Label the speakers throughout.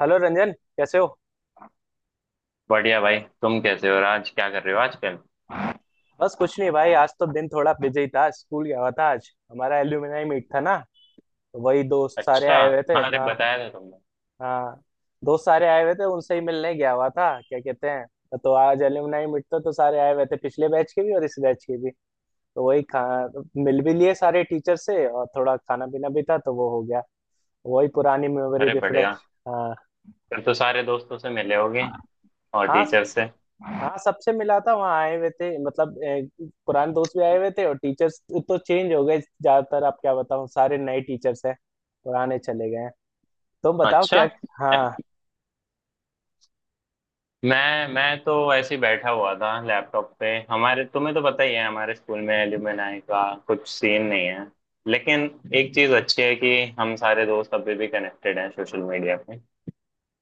Speaker 1: Hello Ranjan. कैसे हो?
Speaker 2: बढ़िया भाई, तुम कैसे हो और आज क्या कर रहे हो आजकल।
Speaker 1: बस कुछ नहीं भाई, आज तो दिन थोड़ा बिजी था। स्कूल गया हुआ था। आज हमारा एल्यूमिनाई मीट था ना, तो वही दोस्त सारे
Speaker 2: अच्छा।
Speaker 1: आए हुए थे।
Speaker 2: हाँ, अरे
Speaker 1: हाँ,
Speaker 2: बताया था तुमने।
Speaker 1: हाँ, दोस्त सारे आए हुए थे, उनसे ही मिलने गया हुआ था। क्या कहते हैं, तो आज एल्यूमिनाई मीट था तो सारे आए हुए थे, पिछले बैच के भी और इस बैच के भी। तो वही खा मिल भी लिए सारे टीचर से, और थोड़ा खाना पीना भी था तो वो हो गया। वही पुरानी मेमोरी
Speaker 2: अरे बढ़िया,
Speaker 1: रिफ्रेश। हाँ
Speaker 2: फिर तो सारे दोस्तों से मिले होगे और
Speaker 1: हाँ।
Speaker 2: टीचर से।
Speaker 1: हाँ, सबसे मिला था, वहाँ आए हुए थे। मतलब पुराने दोस्त भी आए हुए थे, और टीचर्स तो चेंज हो गए ज्यादातर। आप क्या बताऊँ, सारे नए टीचर्स हैं, पुराने चले गए हैं। तुम बताओ
Speaker 2: अच्छा।
Speaker 1: क्या। हाँ।
Speaker 2: मैं तो ऐसे ही बैठा हुआ था लैपटॉप पे, हमारे तुम्हें तो पता ही है हमारे स्कूल में एल्यूमिनाई का कुछ सीन नहीं है। लेकिन एक चीज अच्छी है कि हम सारे दोस्त अभी भी कनेक्टेड हैं सोशल मीडिया पे।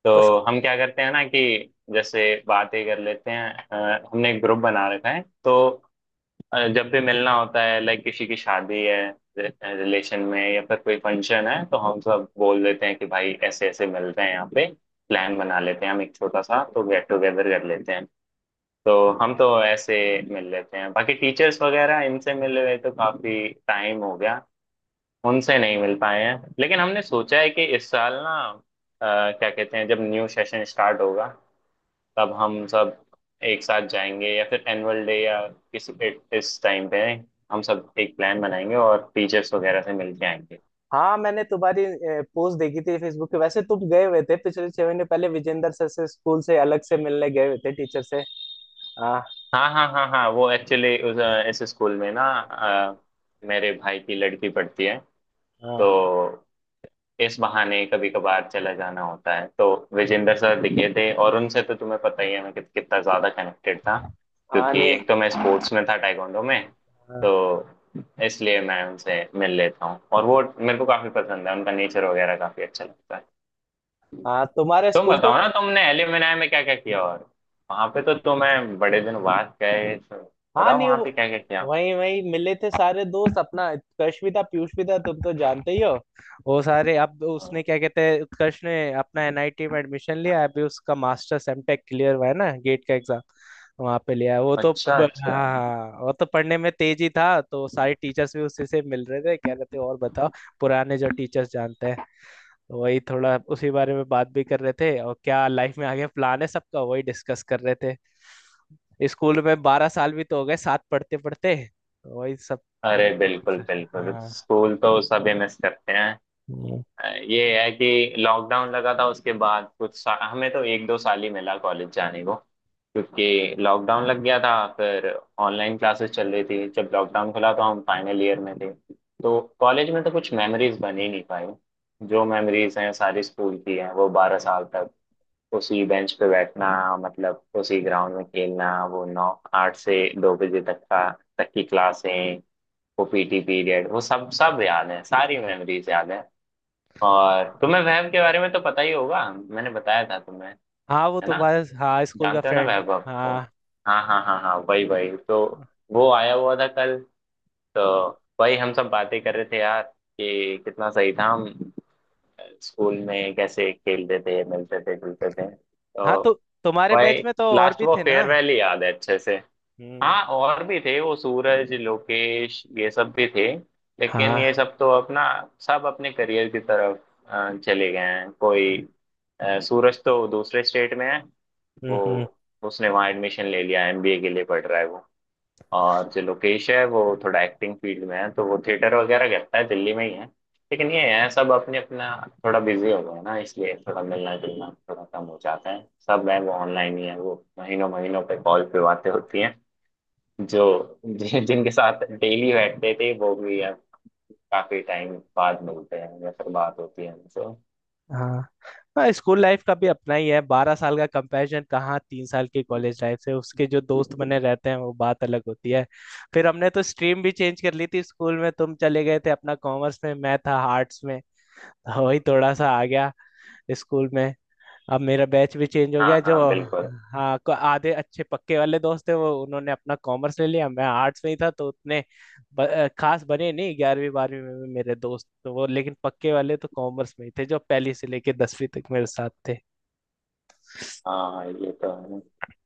Speaker 2: तो
Speaker 1: तो स्कू-
Speaker 2: हम क्या करते हैं ना कि जैसे बातें कर लेते हैं। हमने एक ग्रुप बना रखा है, तो जब भी मिलना होता है लाइक किसी की शादी है, रिलेशन में या फिर कोई फंक्शन है, तो हम सब बोल देते हैं कि भाई ऐसे ऐसे मिलते हैं यहाँ पे, प्लान बना लेते हैं, हम एक छोटा सा तो गेट टुगेदर कर लेते हैं। तो हम तो ऐसे मिल लेते हैं। बाकी टीचर्स वगैरह इनसे मिले हुए तो काफी टाइम हो गया, उनसे नहीं मिल पाए हैं। लेकिन हमने सोचा है कि इस साल ना क्या कहते हैं, जब न्यू सेशन स्टार्ट होगा तब हम सब एक साथ जाएंगे, या फिर एनुअल डे या किसी इस टाइम पे हम सब एक प्लान बनाएंगे और टीचर्स वगैरह से मिल के आएंगे।
Speaker 1: हाँ, मैंने तुम्हारी पोस्ट देखी थी फेसबुक पे। वैसे तुम गए हुए थे पिछले 6 महीने पहले विजेंद्र सर से, स्कूल से अलग से मिलने गए हुए थे टीचर से। हाँ,
Speaker 2: हाँ हाँ हाँ हाँ, वो एक्चुअली उस इस स्कूल में ना मेरे भाई की लड़की पढ़ती है।
Speaker 1: हाँ,
Speaker 2: तो इस बहाने कभी कभार चला जाना होता है, तो विजेंद्र सर दिखे थे, और उनसे तो तुम्हें पता ही है मैं कितना ज्यादा कनेक्टेड था,
Speaker 1: हाँ,
Speaker 2: क्योंकि
Speaker 1: नहीं,
Speaker 2: एक तो मैं स्पोर्ट्स में था, टाइकोंडो में।
Speaker 1: हाँ,
Speaker 2: तो इसलिए मैं उनसे मिल लेता हूँ, और वो मेरे को काफी पसंद है, उनका नेचर वगैरह काफी अच्छा लगता है।
Speaker 1: हाँ। तुम्हारे
Speaker 2: तुम
Speaker 1: स्कूल तो।
Speaker 2: बताओ ना, तुमने एलिमनाई में क्या क्या किया, और वहां पे तो तुम्हें बड़े दिन बाद गए तो
Speaker 1: हाँ,
Speaker 2: बताओ
Speaker 1: नहीं,
Speaker 2: वहां
Speaker 1: वो
Speaker 2: पे क्या क्या किया।
Speaker 1: वही वही मिले थे सारे दोस्त। अपना उत्कर्ष भी था, पीयूष भी था, तुम तो जानते ही हो। वो सारे, अब तो उसने, क्या कहते हैं, उत्कर्ष ने अपना एनआईटी में एडमिशन लिया। अभी उसका मास्टर्स एमटेक क्लियर हुआ है ना, गेट का एग्जाम वहां पे लिया है।
Speaker 2: अच्छा
Speaker 1: हाँ,
Speaker 2: अच्छा।
Speaker 1: हाँ, वो तो पढ़ने में तेज ही था, तो सारे टीचर्स भी उसी से मिल रहे थे, कह रहे थे और बताओ। पुराने जो टीचर्स जानते हैं, तो वही थोड़ा उसी बारे में बात भी कर रहे थे, और क्या लाइफ में आगे प्लान है सबका, वही डिस्कस कर रहे थे। स्कूल में 12 साल भी तो हो गए साथ पढ़ते पढ़ते। वही सब।
Speaker 2: अरे बिल्कुल बिल्कुल,
Speaker 1: हाँ।
Speaker 2: स्कूल तो सभी मिस करते हैं।
Speaker 1: हम्म।
Speaker 2: ये है कि लॉकडाउन लगा था, उसके बाद हमें तो एक दो साल ही मिला कॉलेज जाने को, क्योंकि लॉकडाउन लग गया था। फिर ऑनलाइन क्लासेस चल रही थी। जब लॉकडाउन खुला तो हम फाइनल ईयर में थे, तो कॉलेज में तो कुछ मेमोरीज बन ही नहीं पाई। जो मेमोरीज हैं सारी स्कूल की हैं, वो बारह साल तक उसी बेंच पे बैठना, मतलब उसी ग्राउंड में खेलना, वो नौ आठ से दो बजे तक का, तक की क्लासें, वो पीटी पीरियड, वो सब सब याद है, सारी मेमोरीज याद है। और तुम्हें वैभ के बारे में तो पता ही होगा, मैंने बताया था तुम्हें,
Speaker 1: हाँ, वो
Speaker 2: है ना,
Speaker 1: तुम्हारे, हाँ, स्कूल का
Speaker 2: जानते हो ना
Speaker 1: फ्रेंड,
Speaker 2: वैभ आपको।
Speaker 1: हाँ।
Speaker 2: हाँ हाँ हाँ हाँ, वही वही तो। वो आया हुआ था कल। तो वही हम सब बातें कर रहे थे यार कि कितना सही था, हम स्कूल में कैसे खेलते थे, मिलते थे, जुलते थे। तो
Speaker 1: हाँ, तो तुम्हारे
Speaker 2: वही
Speaker 1: बैच में तो और
Speaker 2: लास्ट
Speaker 1: भी
Speaker 2: वो
Speaker 1: थे ना।
Speaker 2: फेयरवेल ही याद है अच्छे से।
Speaker 1: हम्म।
Speaker 2: हाँ और भी थे, वो सूरज, लोकेश, ये सब भी थे, लेकिन
Speaker 1: हाँ।
Speaker 2: ये सब तो अपना सब अपने करियर की तरफ चले गए हैं। कोई सूरज तो दूसरे स्टेट में है।
Speaker 1: हम्म।
Speaker 2: वो,
Speaker 1: हम्म।
Speaker 2: उसने वहाँ एडमिशन ले लिया, एमबीए के लिए पढ़ रहा है वो। और जो लोकेश है वो थोड़ा एक्टिंग फील्ड में है, तो वो थिएटर वगैरह करता है, दिल्ली में ही है। लेकिन ये है, सब अपने अपना थोड़ा बिजी हो गए हैं ना, इसलिए थोड़ा मिलना जुलना थोड़ा कम हो जाता है। सब है वो ऑनलाइन ही है, वो महीनों महीनों पे कॉल पे बातें होती हैं। जो जिनके साथ डेली बैठते थे वो भी अब काफी टाइम बाद मिलते हैं या फिर बात होती है उनसे।
Speaker 1: हाँ। हाँ, स्कूल लाइफ का भी अपना ही है। 12 साल का कंपैरिजन कहाँ 3 साल की कॉलेज लाइफ से। उसके जो दोस्त बने रहते हैं वो बात अलग होती है। फिर हमने तो स्ट्रीम भी चेंज कर ली थी स्कूल में। तुम चले गए थे अपना कॉमर्स में, मैं था आर्ट्स में, तो वही थोड़ा सा आ गया स्कूल में। अब मेरा बैच भी चेंज हो गया
Speaker 2: हाँ
Speaker 1: जो।
Speaker 2: हाँ बिल्कुल।
Speaker 1: हाँ, आधे अच्छे पक्के वाले दोस्त थे वो, उन्होंने अपना कॉमर्स ले लिया, मैं आर्ट्स में ही था, तो उतने खास बने नहीं 11वीं 12वीं में भी मेरे दोस्त तो वो। लेकिन पक्के वाले तो कॉमर्स में ही थे, जो पहली से लेके 10वीं तक मेरे साथ थे।
Speaker 2: हाँ ये तो है,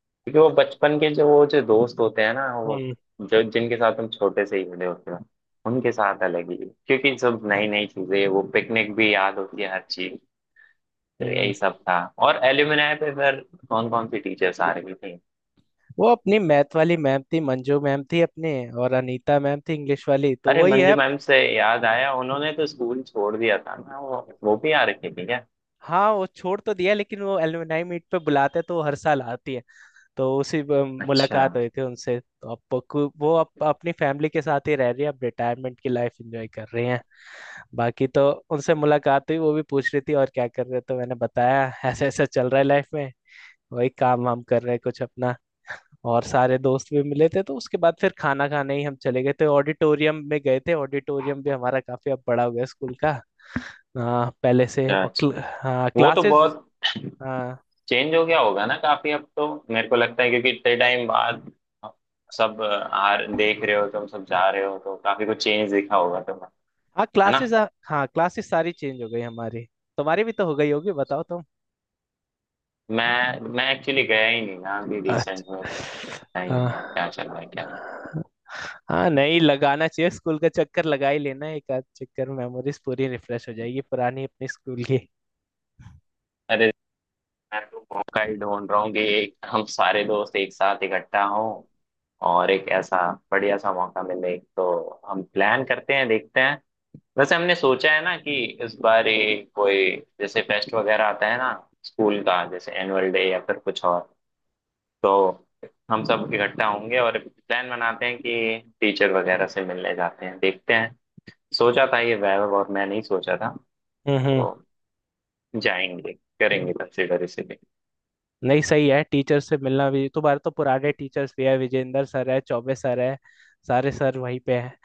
Speaker 2: क्योंकि वो बचपन के जो वो जो दोस्त होते हैं ना, वो
Speaker 1: हम्म।
Speaker 2: जो जिनके साथ हम छोटे से ही जुड़े होते हैं, उनके साथ अलग ही। क्योंकि सब नई नई चीजें, वो पिकनिक भी याद होती है, हर चीज। तो यही
Speaker 1: हम्म।
Speaker 2: सब था। और एल्यूमिनाई पे फिर कौन कौन सी टीचर्स आ रही थी?
Speaker 1: वो अपनी मैथ वाली मैम थी, मंजू मैम थी अपने, और अनीता मैम थी इंग्लिश वाली, तो
Speaker 2: अरे
Speaker 1: वही
Speaker 2: मंजू
Speaker 1: है।
Speaker 2: मैम से याद आया, उन्होंने तो स्कूल छोड़ दिया था ना, वो भी आ रखी थी क्या?
Speaker 1: हाँ, वो छोड़ तो दिया, लेकिन वो एलुमनाई मीट पे बुलाते हैं, तो वो हर साल आती है। तो
Speaker 2: अच्छा
Speaker 1: मुलाकात हुई थी उनसे। तो अब वो वो अब अपनी फैमिली के साथ ही रह रही है, अब रिटायरमेंट की लाइफ एंजॉय कर रही हैं। बाकी तो उनसे मुलाकात हुई, वो भी पूछ रही थी और क्या कर रहे हो, तो मैंने बताया ऐसा ऐसा चल रहा है लाइफ में, वही काम वाम कर रहे हैं कुछ अपना। और सारे दोस्त भी मिले थे तो उसके बाद फिर खाना खाने ही हम चले गए थे, ऑडिटोरियम में गए थे। ऑडिटोरियम भी हमारा काफी अब बड़ा हो गया स्कूल का, हाँ, पहले से।
Speaker 2: अच्छा।
Speaker 1: और
Speaker 2: अच्छा
Speaker 1: हाँ,
Speaker 2: वो तो
Speaker 1: क्लासेस।
Speaker 2: बहुत
Speaker 1: हाँ,
Speaker 2: चेंज हो गया होगा ना काफी, अब तो मेरे को लगता है, क्योंकि इतने टाइम बाद सब आ देख रहे हो, तुम सब जा रहे हो तो काफी कुछ चेंज दिखा होगा तुम्हें,
Speaker 1: हाँ,
Speaker 2: है ना।
Speaker 1: क्लासेस। हाँ, क्लासेस सारी चेंज हो गई हमारी। तुम्हारी भी तो हो गई होगी, बताओ तुम।
Speaker 2: मैं एक्चुअली गया ही नहीं ना अभी
Speaker 1: अच्छा।
Speaker 2: रिसेंट में। पता ही नहीं अब क्या चल रहा है क्या नहीं।
Speaker 1: हाँ, नहीं, लगाना चाहिए स्कूल का चक्कर, लगा ही लेना एक आध चक्कर, मेमोरीज पूरी रिफ्रेश हो जाएगी पुरानी अपनी स्कूल की।
Speaker 2: अरे मैं तो मौका ही ढूंढ रहा हूँ कि एक हम सारे दोस्त एक साथ इकट्ठा हों, और एक ऐसा बढ़िया सा मौका मिले तो हम प्लान करते हैं, देखते हैं। वैसे हमने सोचा है ना कि इस बार ये कोई जैसे फेस्ट वगैरह आता है ना स्कूल का, जैसे एनुअल डे या फिर कुछ और, तो हम सब इकट्ठा होंगे और प्लान बनाते हैं कि टीचर वगैरह से मिलने जाते हैं, देखते हैं। सोचा था ये वैभव और मैं नहीं सोचा था,
Speaker 1: हम्म। हम्म।
Speaker 2: तो जाएंगे, करेंगे कंसिडर इसीलिए।
Speaker 1: नहीं, सही है, टीचर से मिलना भी। तुम्हारे तो पुराने टीचर्स भी है, विजेंद्र सर है, चौबे सर है, सारे सर वहीं पे हैं।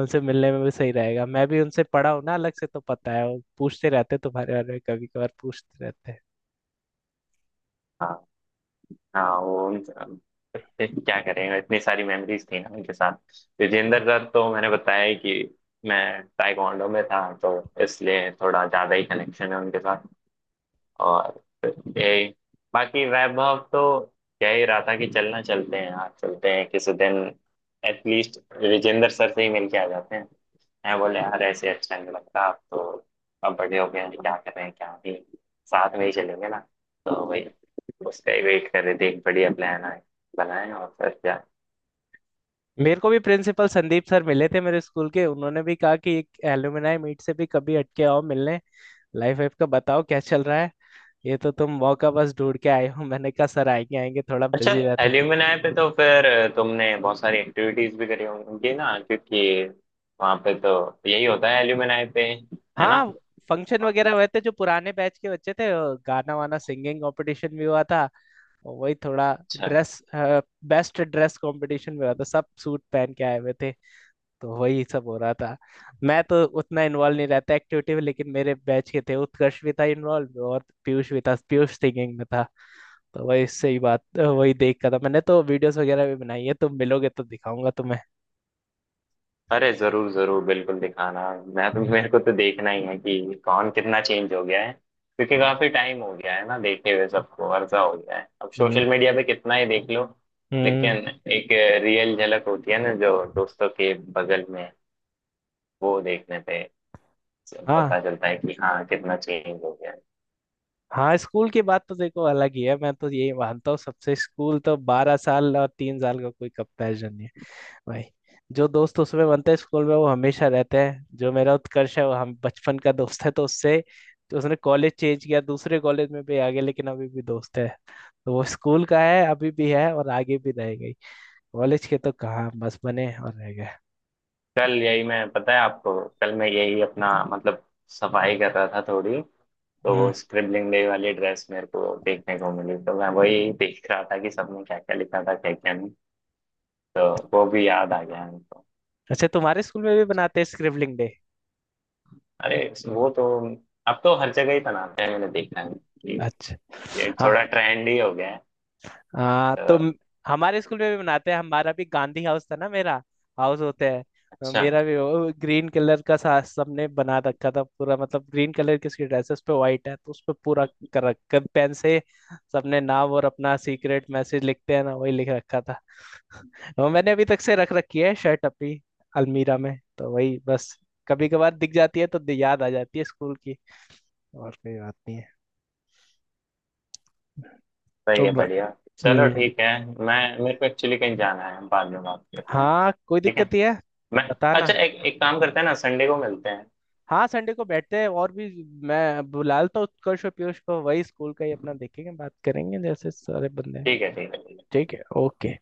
Speaker 1: उनसे मिलने में भी सही रहेगा, मैं भी उनसे पढ़ा हूँ ना अलग से, तो पता है, वो पूछते रहते तुम्हारे बारे में कभी कभार, पूछते रहते हैं।
Speaker 2: हाँ हाँ, वो फिर क्या करेंगे, इतनी सारी मेमोरीज थी ना उनके साथ। विजेंद्र दत्त तो मैंने बताया ही कि मैं ताइक्वांडो में था, तो इसलिए थोड़ा ज्यादा ही कनेक्शन है उनके साथ। और यही, बाकी वैभव तो कह ही रहा था कि चलना चलते हैं यार, चलते हैं किसी दिन एटलीस्ट विजेंद्र सर से ही मिल के आ जाते हैं। मैं बोले यार ऐसे अच्छा नहीं लगता, आप तो अब बड़े हो गए हैं, क्या करें क्या नहीं, साथ में ही चलेंगे ना। तो भाई उसका ही वेट कर रहे थे, एक बढ़िया प्लान आए बनाए, और फिर क्या।
Speaker 1: मेरे को भी प्रिंसिपल संदीप सर मिले थे मेरे स्कूल के, उन्होंने भी कहा कि एक एलुमनाई मीट से भी कभी हटके आओ मिलने, लाइफ वाइफ का बताओ क्या चल रहा है। ये तो तुम मौका बस ढूंढ के आए हो। मैंने कहा सर आएंगे आएंगे, थोड़ा
Speaker 2: अच्छा
Speaker 1: बिजी रहते हैं।
Speaker 2: एल्यूमिनाई पे तो फिर तुमने बहुत सारी एक्टिविटीज भी करी होंगी ना, क्योंकि वहां पे तो यही होता है एल्यूमिनाई पे, है ना।
Speaker 1: हाँ, फंक्शन वगैरह हुए थे, जो पुराने बैच के बच्चे थे वो, गाना वाना सिंगिंग कंपटीशन भी हुआ था, और वही थोड़ा
Speaker 2: अच्छा
Speaker 1: ड्रेस, बेस्ट ड्रेस कंपटीशन भी हुआ था, सब सूट पहन के आए हुए थे, तो वही सब हो रहा था। मैं तो उतना इन्वॉल्व नहीं रहता एक्टिविटी में, लेकिन मेरे बैच के थे, उत्कर्ष भी था इन्वॉल्व, और पीयूष भी था, पीयूष सिंगिंग में था। तो वही सही बात वही देख कर था, मैंने तो वीडियोस वगैरह भी बनाई है, तुम मिलोगे तो दिखाऊंगा तुम्हें।
Speaker 2: अरे जरूर जरूर, बिल्कुल दिखाना। मैं तो मेरे को तो देखना ही है कि कौन कितना चेंज हो गया है, क्योंकि
Speaker 1: हम्म।
Speaker 2: काफी टाइम हो गया है ना देखे हुए, सबको अरसा हो गया है। अब सोशल मीडिया पे कितना ही देख लो, लेकिन
Speaker 1: हम्म।
Speaker 2: एक रियल झलक होती है ना, जो दोस्तों के बगल में वो देखने पे
Speaker 1: हाँ।
Speaker 2: पता चलता है कि हाँ कितना चेंज हो गया है।
Speaker 1: हाँ, स्कूल की बात तो देखो अलग ही है, मैं तो यही मानता हूँ सबसे, स्कूल तो 12 साल और 3 साल का कोई कंपैरिजन नहीं है भाई। जो दोस्त उसमें बनते हैं स्कूल में वो हमेशा रहते हैं। जो मेरा उत्कर्ष है, वो हम बचपन का दोस्त है, तो उससे, तो उसने कॉलेज चेंज किया, दूसरे कॉलेज में भी आ गया, लेकिन अभी भी दोस्त है, तो वो स्कूल का है अभी भी है, और आगे भी रह गई। कॉलेज के तो कहाँ, बस बने और रह गए।
Speaker 2: कल यही मैं, पता है आपको, कल मैं यही अपना मतलब सफाई कर रहा था थोड़ी, तो
Speaker 1: हम्म।
Speaker 2: वो स्क्रिबलिंग डे वाली ड्रेस मेरे को देखने को मिली, तो मैं वही देख रहा था कि सबने क्या क्या लिखा था क्या क्या नहीं। तो वो भी याद आ गया हमको।
Speaker 1: अच्छा, तुम्हारे स्कूल में भी बनाते हैं स्क्रिबलिंग डे?
Speaker 2: अरे वो तो अब तो हर जगह ही बनाते हैं, मैंने देखा है कि
Speaker 1: अच्छा।
Speaker 2: ये
Speaker 1: हाँ।
Speaker 2: थोड़ा ट्रेंड ही हो गया है
Speaker 1: हाँ तो
Speaker 2: तो।
Speaker 1: हमारे स्कूल में भी मनाते हैं, हमारा भी गांधी हाउस था ना मेरा, हाउस होता है, तो
Speaker 2: अच्छा
Speaker 1: मेरा भी वो ग्रीन कलर का सा सबने बना रखा था पूरा, मतलब ग्रीन कलर की उसकी ड्रेस, उस पे व्हाइट है, तो उस पे पूरा कर रखा पेन से, सबने नाम और अपना सीक्रेट मैसेज लिखते हैं ना, वही लिख रखा था। और मैंने अभी तक से रख रखी है शर्ट अपनी अलमीरा में, तो वही बस कभी कभार दिख जाती है, तो याद आ जाती है स्कूल की, और कोई बात नहीं है।
Speaker 2: सही
Speaker 1: तो
Speaker 2: है
Speaker 1: ब...
Speaker 2: बढ़िया। चलो
Speaker 1: हम्म।
Speaker 2: ठीक है, मैं, मेरे को एक्चुअली कहीं जाना है, बाद में बात करते हैं।
Speaker 1: हाँ, कोई
Speaker 2: ठीक
Speaker 1: दिक्कत
Speaker 2: है,
Speaker 1: नहीं है,
Speaker 2: मैं, अच्छा
Speaker 1: बताना।
Speaker 2: एक एक काम करते हैं ना, संडे को मिलते हैं।
Speaker 1: हाँ, संडे को बैठते हैं, और भी मैं बुला लेता हूँ उत्कर्ष और पीयूष को, वही स्कूल का ही अपना, देखेंगे बात करेंगे, जैसे सारे बंदे हैं।
Speaker 2: ठीक है ठीक है।
Speaker 1: ठीक है, ओके।